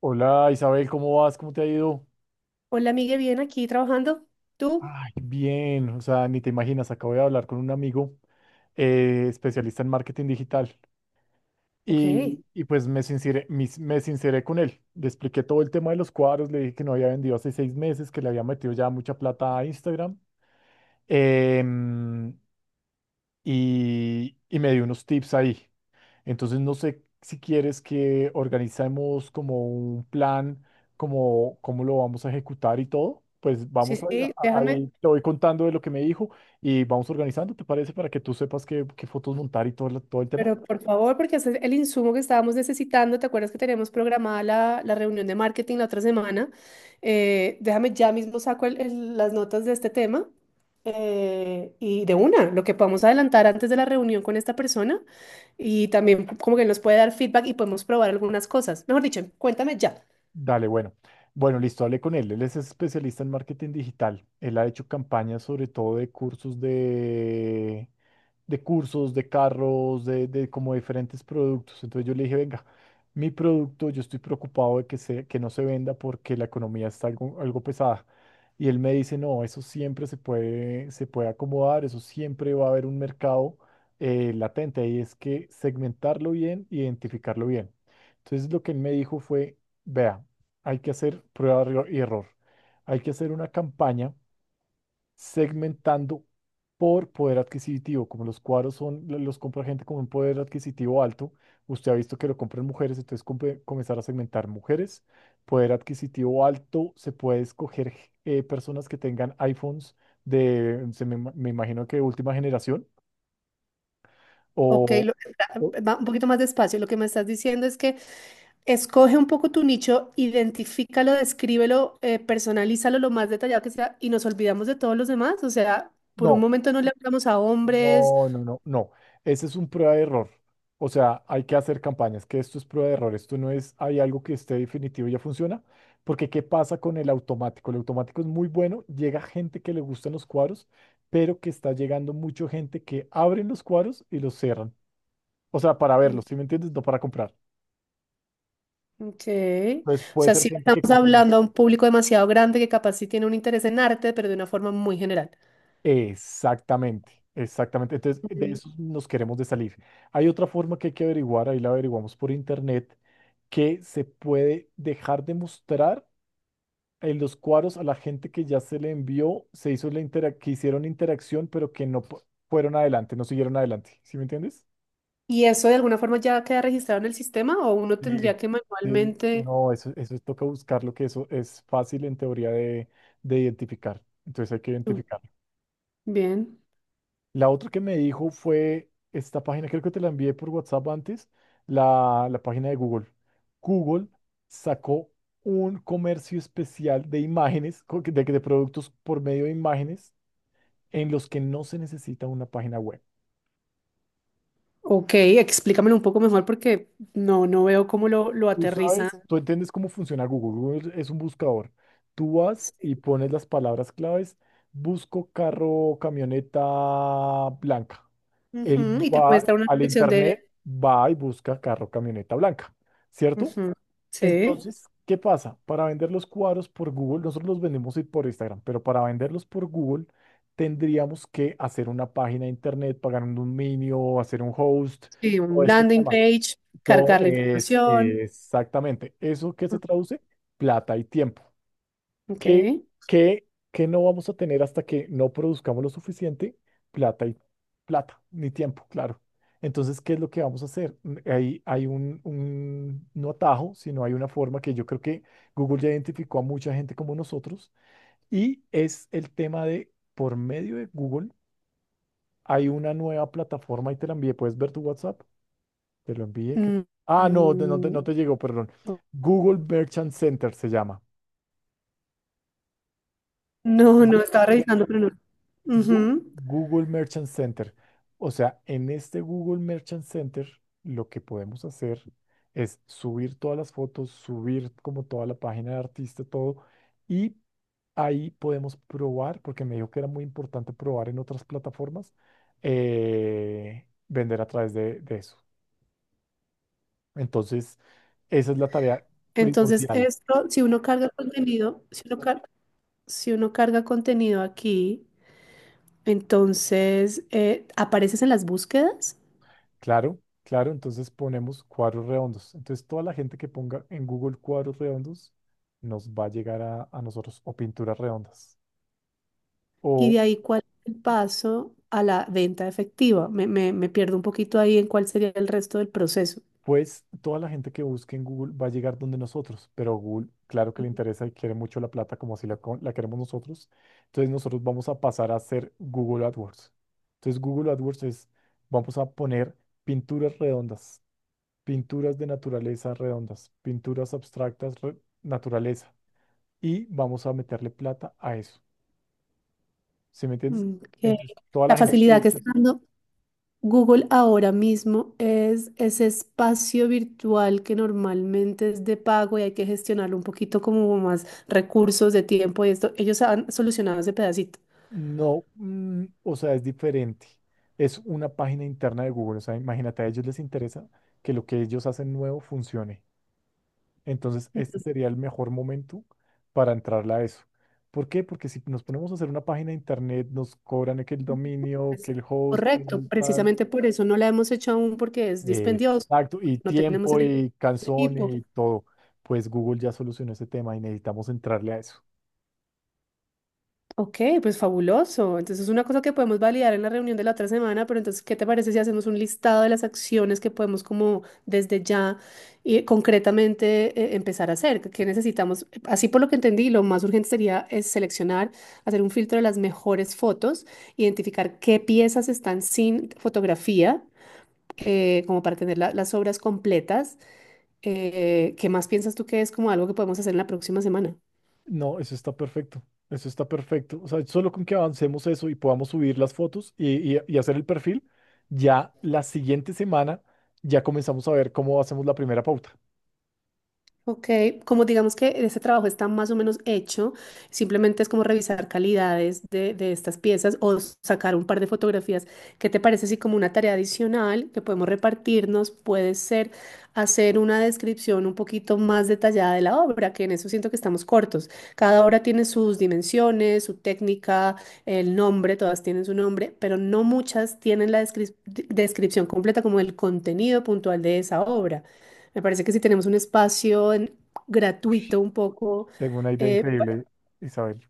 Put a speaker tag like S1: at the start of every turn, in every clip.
S1: Hola Isabel, ¿cómo vas? ¿Cómo te ha ido?
S2: Hola, Miguel, bien aquí trabajando. ¿Tú?
S1: Ay, bien, o sea, ni te imaginas, acabo de hablar con un amigo, especialista en marketing digital
S2: Ok.
S1: y pues me sinceré, me sinceré con él, le expliqué todo el tema de los cuadros, le dije que no había vendido hace 6 meses, que le había metido ya mucha plata a Instagram. em, y me dio unos tips ahí. Entonces, no sé si quieres que organicemos como un plan, como cómo lo vamos a ejecutar y todo. Pues
S2: Sí,
S1: vamos ahí,
S2: sí, déjame.
S1: ahí te voy contando de lo que me dijo y vamos organizando, ¿te parece? Para que tú sepas qué fotos montar y todo, todo el tema.
S2: Pero por favor, porque ese es el insumo que estábamos necesitando. ¿Te acuerdas que teníamos programada la reunión de marketing la otra semana? Déjame ya mismo saco las notas de este tema. Y de una, lo que podamos adelantar antes de la reunión con esta persona. Y también como que nos puede dar feedback y podemos probar algunas cosas. Mejor dicho, cuéntame ya.
S1: Dale, bueno. Bueno, listo, hablé con él. Él es especialista en marketing digital. Él ha hecho campañas sobre todo de de, cursos, de carros, de como diferentes productos. Entonces yo le dije, venga, mi producto, yo estoy preocupado de que no se venda porque la economía está algo pesada. Y él me dice, no, eso siempre se puede acomodar, eso siempre va a haber un mercado latente. Y es que segmentarlo bien, identificarlo bien. Entonces lo que él me dijo fue: Vea, hay que hacer prueba y error. Hay que hacer una campaña segmentando por poder adquisitivo. Como los cuadros son, los compra gente con un poder adquisitivo alto, usted ha visto que lo compran mujeres, entonces comenzar a segmentar mujeres, poder adquisitivo alto, se puede escoger personas que tengan iPhones de, me imagino que última generación,
S2: Ok,
S1: o, o-
S2: va un poquito más despacio. Lo que me estás diciendo es que escoge un poco tu nicho, identifícalo, descríbelo, personalízalo lo más detallado que sea y nos olvidamos de todos los demás. O sea, por un
S1: no.
S2: momento no le hablamos a hombres.
S1: No, no, no, no. Ese es un prueba de error. O sea, hay que hacer campañas, que esto es prueba de error. Esto no es, hay algo que esté definitivo y ya funciona. Porque, ¿qué pasa con el automático? El automático es muy bueno, llega gente que le gustan los cuadros, pero que está llegando mucha gente que abren los cuadros y los cierran. O sea, para
S2: Mm,
S1: verlos, ¿sí me entiendes? No para comprar.
S2: ok. O
S1: Entonces, puede
S2: sea,
S1: ser
S2: sí
S1: gente que
S2: estamos
S1: consume.
S2: hablando a un público demasiado grande que capaz sí tiene un interés en arte, pero de una forma muy general.
S1: Exactamente, exactamente. Entonces, de
S2: Mm.
S1: eso nos queremos de salir. Hay otra forma que hay que averiguar, ahí la averiguamos por internet, que se puede dejar de mostrar en los cuadros a la gente que ya se le envió, se hizo que hicieron interacción, pero que fueron adelante, no siguieron adelante. ¿Sí me entiendes?
S2: ¿Y eso de alguna forma ya queda registrado en el sistema, o uno
S1: Sí,
S2: tendría que
S1: sí.
S2: manualmente?
S1: No, eso toca buscarlo, que eso es fácil en teoría de identificar. Entonces hay que
S2: Mm,
S1: identificarlo.
S2: bien.
S1: La otra que me dijo fue esta página, creo que te la envié por WhatsApp antes, la página de Google. Google sacó un comercio especial de imágenes, de productos por medio de imágenes, en los que no se necesita una página web.
S2: Ok, explícamelo un poco mejor porque no veo cómo lo
S1: Tú
S2: aterriza.
S1: sabes, tú entiendes cómo funciona Google. Google es un buscador. Tú vas y pones las palabras claves, busco carro, camioneta blanca. Él
S2: Ujú, y te
S1: va
S2: muestra una
S1: al
S2: selección
S1: internet,
S2: de...
S1: va y busca carro camioneta blanca, ¿cierto?
S2: Ujú. Sí,
S1: Entonces, ¿qué pasa? Para vender los cuadros por Google, nosotros los vendemos por Instagram, pero para venderlos por Google tendríamos que hacer una página de internet, pagar un dominio, hacer un host,
S2: sí,
S1: todo
S2: un
S1: este
S2: landing
S1: tema.
S2: page,
S1: Todo
S2: cargar la
S1: es,
S2: información.
S1: exactamente eso que se traduce, plata y tiempo
S2: Ok.
S1: que, que no vamos a tener hasta que no produzcamos lo suficiente plata y plata, ni tiempo, claro. Entonces, ¿qué es lo que vamos a hacer? Mm, hay no atajo, sino hay una forma que yo creo que Google ya identificó a mucha gente como nosotros y es el tema de, por medio de Google, hay una nueva plataforma y te la envié. ¿Puedes ver tu WhatsApp? Te lo envié.
S2: Mm,
S1: Ah, no, no
S2: mm,
S1: te llegó, perdón. Google Merchant Center se llama.
S2: no, no, estaba revisando, pero no. Ujú.
S1: Google Merchant Center. O sea, en este Google Merchant Center lo que podemos hacer es subir todas las fotos, subir como toda la página de artista, todo, y ahí podemos probar, porque me dijo que era muy importante probar en otras plataformas, vender a través de eso. Entonces, esa es la tarea
S2: Entonces,
S1: primordial.
S2: esto, si uno carga contenido aquí, entonces apareces en las búsquedas,
S1: Claro, claro, entonces ponemos cuadros redondos. Entonces toda la gente que ponga en Google cuadros redondos nos va a llegar a nosotros o pinturas redondas.
S2: ¿y
S1: O
S2: de ahí cuál es el paso a la venta efectiva? Me pierdo un poquito ahí en cuál sería el resto del proceso.
S1: pues toda la gente que busque en Google va a llegar donde nosotros, pero Google claro que le interesa y quiere mucho la plata como si la queremos nosotros. Entonces nosotros vamos a pasar a hacer Google AdWords. Entonces Google AdWords es, vamos a poner pinturas redondas, pinturas de naturaleza redondas, naturaleza y vamos a meterle plata a eso. ¿Sí me entiendes?
S2: Mm, ok.
S1: Entonces, toda la
S2: La
S1: gente que
S2: facilidad que
S1: busca,
S2: está dando Google ahora mismo es ese espacio virtual que normalmente es de pago y hay que gestionarlo un poquito como más recursos de tiempo y esto. Ellos han solucionado ese pedacito.
S1: no, mm, o sea, es diferente. Es una página interna de Google. O sea, imagínate, a ellos les interesa que lo que ellos hacen nuevo funcione. Entonces,
S2: No,
S1: este sería el mejor momento para entrarle a eso. ¿Por qué? Porque si nos ponemos a hacer una página de internet, nos cobran que el dominio, que
S2: pues,
S1: el host,
S2: correcto,
S1: el tal,
S2: precisamente por eso no la hemos hecho aún porque es dispendioso,
S1: exacto, y
S2: no tenemos
S1: tiempo,
S2: el
S1: y canción,
S2: equipo.
S1: y todo. Pues Google ya solucionó ese tema y necesitamos entrarle a eso.
S2: Ok, pues fabuloso. Entonces es una cosa que podemos validar en la reunión de la otra semana, pero entonces, ¿qué te parece si hacemos un listado de las acciones que podemos como desde ya y concretamente empezar a hacer? ¿Qué necesitamos? Así por lo que entendí, lo más urgente sería es seleccionar, hacer un filtro de las mejores fotos, identificar qué piezas están sin fotografía, como para tener las obras completas. ¿Qué más piensas tú que es como algo que podemos hacer en la próxima semana?
S1: No, eso está perfecto. Eso está perfecto. O sea, solo con que avancemos eso y podamos subir las fotos y hacer el perfil, ya la siguiente semana ya comenzamos a ver cómo hacemos la primera pauta.
S2: Ok, como digamos que ese trabajo está más o menos hecho, simplemente es como revisar calidades de estas piezas o sacar un par de fotografías. ¿Qué te parece si como una tarea adicional que podemos repartirnos puede ser hacer una descripción un poquito más detallada de la obra? Que en eso siento que estamos cortos. Cada obra tiene sus dimensiones, su técnica, el nombre, todas tienen su nombre, pero no muchas tienen la descripción completa como el contenido puntual de esa obra. Me parece que si tenemos un espacio
S1: Ush.
S2: gratuito un poco.
S1: Tengo una idea
S2: eh,
S1: increíble, Isabel.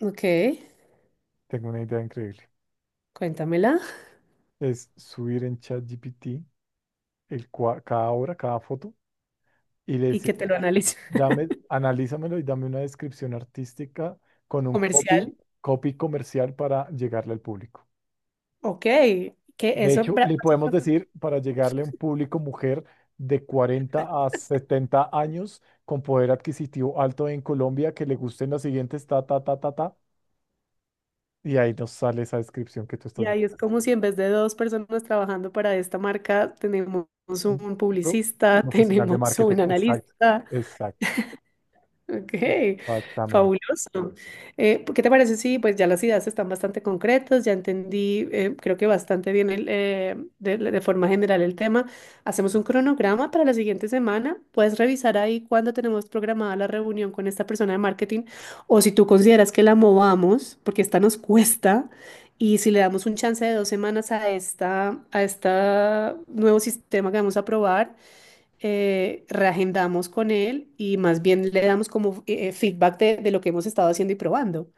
S2: ok,
S1: Tengo una idea increíble.
S2: cuéntamela
S1: Es subir en ChatGPT cada obra, cada foto y le
S2: y que
S1: decimos,
S2: te lo analice.
S1: dame, analízamelo y dame una descripción artística con un copy,
S2: Comercial,
S1: copy comercial para llegarle al público.
S2: ok, que
S1: De
S2: eso
S1: hecho, le podemos
S2: básicamente,
S1: decir para llegarle a un público mujer de 40 a 70 años con poder adquisitivo alto en Colombia que le gusten las siguientes ta, ta, ta, ta, ta. Y ahí nos sale esa descripción que tú estás.
S2: y ahí es como si en vez de dos personas trabajando para esta marca, tenemos
S1: Un
S2: un
S1: pro-
S2: publicista,
S1: profesional de
S2: tenemos
S1: marketing.
S2: un
S1: Exacto.
S2: analista.
S1: Exacto.
S2: Ok,
S1: Exactamente.
S2: fabuloso. ¿Qué te parece? Sí, pues ya las ideas están bastante concretas, ya entendí, creo que bastante bien de forma general el tema. Hacemos un cronograma para la siguiente semana. Puedes revisar ahí cuándo tenemos programada la reunión con esta persona de marketing, o si tú consideras que la movamos, porque esta nos cuesta, y si le damos un chance de 2 semanas a esta, nuevo sistema que vamos a probar, reagendamos con él y más bien le damos como feedback de lo que hemos estado haciendo y probando.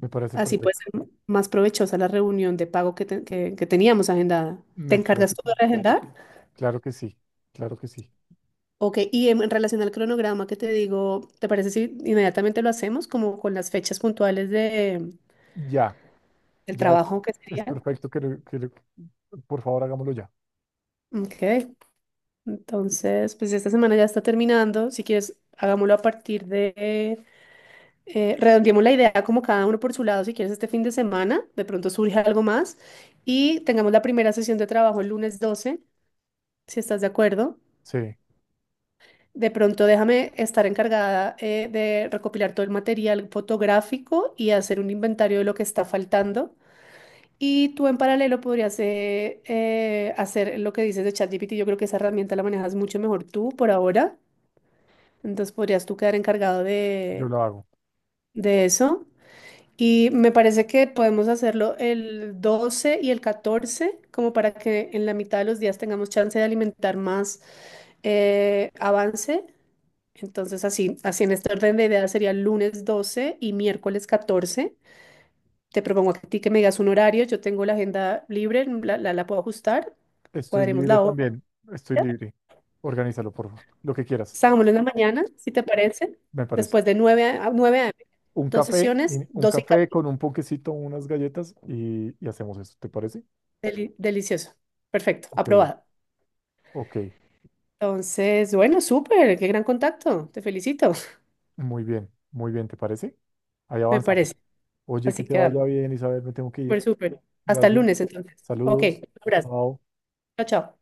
S1: Me parece
S2: Así puede
S1: perfecto.
S2: ser más provechosa la reunión de pago que teníamos agendada. ¿Te
S1: Me parece
S2: encargas tú de
S1: per-
S2: reagendar?
S1: Claro que sí. Claro que sí.
S2: Ok, y en relación al cronograma que te digo, ¿te parece si inmediatamente lo hacemos como con las fechas puntuales de,
S1: Ya.
S2: del
S1: Ya es,
S2: trabajo que
S1: es
S2: sería?
S1: perfecto que lo, por favor hagámoslo ya.
S2: Ok, entonces, pues esta semana ya está terminando. Si quieres, hagámoslo a partir de redondeemos la idea como cada uno por su lado, si quieres este fin de semana, de pronto surge algo más, y tengamos la primera sesión de trabajo el lunes 12, si estás de acuerdo.
S1: Sí,
S2: De pronto déjame estar encargada de recopilar todo el material fotográfico y hacer un inventario de lo que está faltando. Y tú en paralelo podrías hacer lo que dices de ChatGPT. Yo creo que esa herramienta la manejas mucho mejor tú por ahora. Entonces podrías tú quedar encargado
S1: yo
S2: de,
S1: lo hago.
S2: de eso. Y me parece que podemos hacerlo el 12 y el 14, como para que en la mitad de los días tengamos chance de alimentar más avance. Entonces, así en este orden de ideas sería lunes 12 y miércoles 14. Te propongo a ti que me digas un horario. Yo tengo la agenda libre, la puedo ajustar.
S1: Estoy
S2: Cuadremos
S1: libre
S2: la hora.
S1: también. Estoy libre. Organízalo, por favor. Lo que quieras,
S2: Salgámoslo en la mañana, si te parece.
S1: me parece.
S2: Después de 9 a 9 a.m.
S1: Un
S2: Dos
S1: café, y
S2: sesiones,
S1: un
S2: 12 y
S1: café
S2: 14.
S1: con un ponquecito, unas galletas y hacemos eso. ¿Te parece?
S2: Delicioso. Perfecto,
S1: Ok,
S2: aprobado.
S1: ok.
S2: Entonces, bueno, súper, qué gran contacto, te felicito.
S1: Muy bien, ¿te parece? Ahí
S2: Me
S1: avanzamos.
S2: parece.
S1: Oye,
S2: Así
S1: que te vaya
S2: quedarlo.
S1: bien, Isabel. Me tengo que
S2: Súper,
S1: ir.
S2: súper. Hasta el
S1: Gracias.
S2: lunes entonces. Ok,
S1: Saludos.
S2: un abrazo.
S1: Chao.
S2: Chao, chao.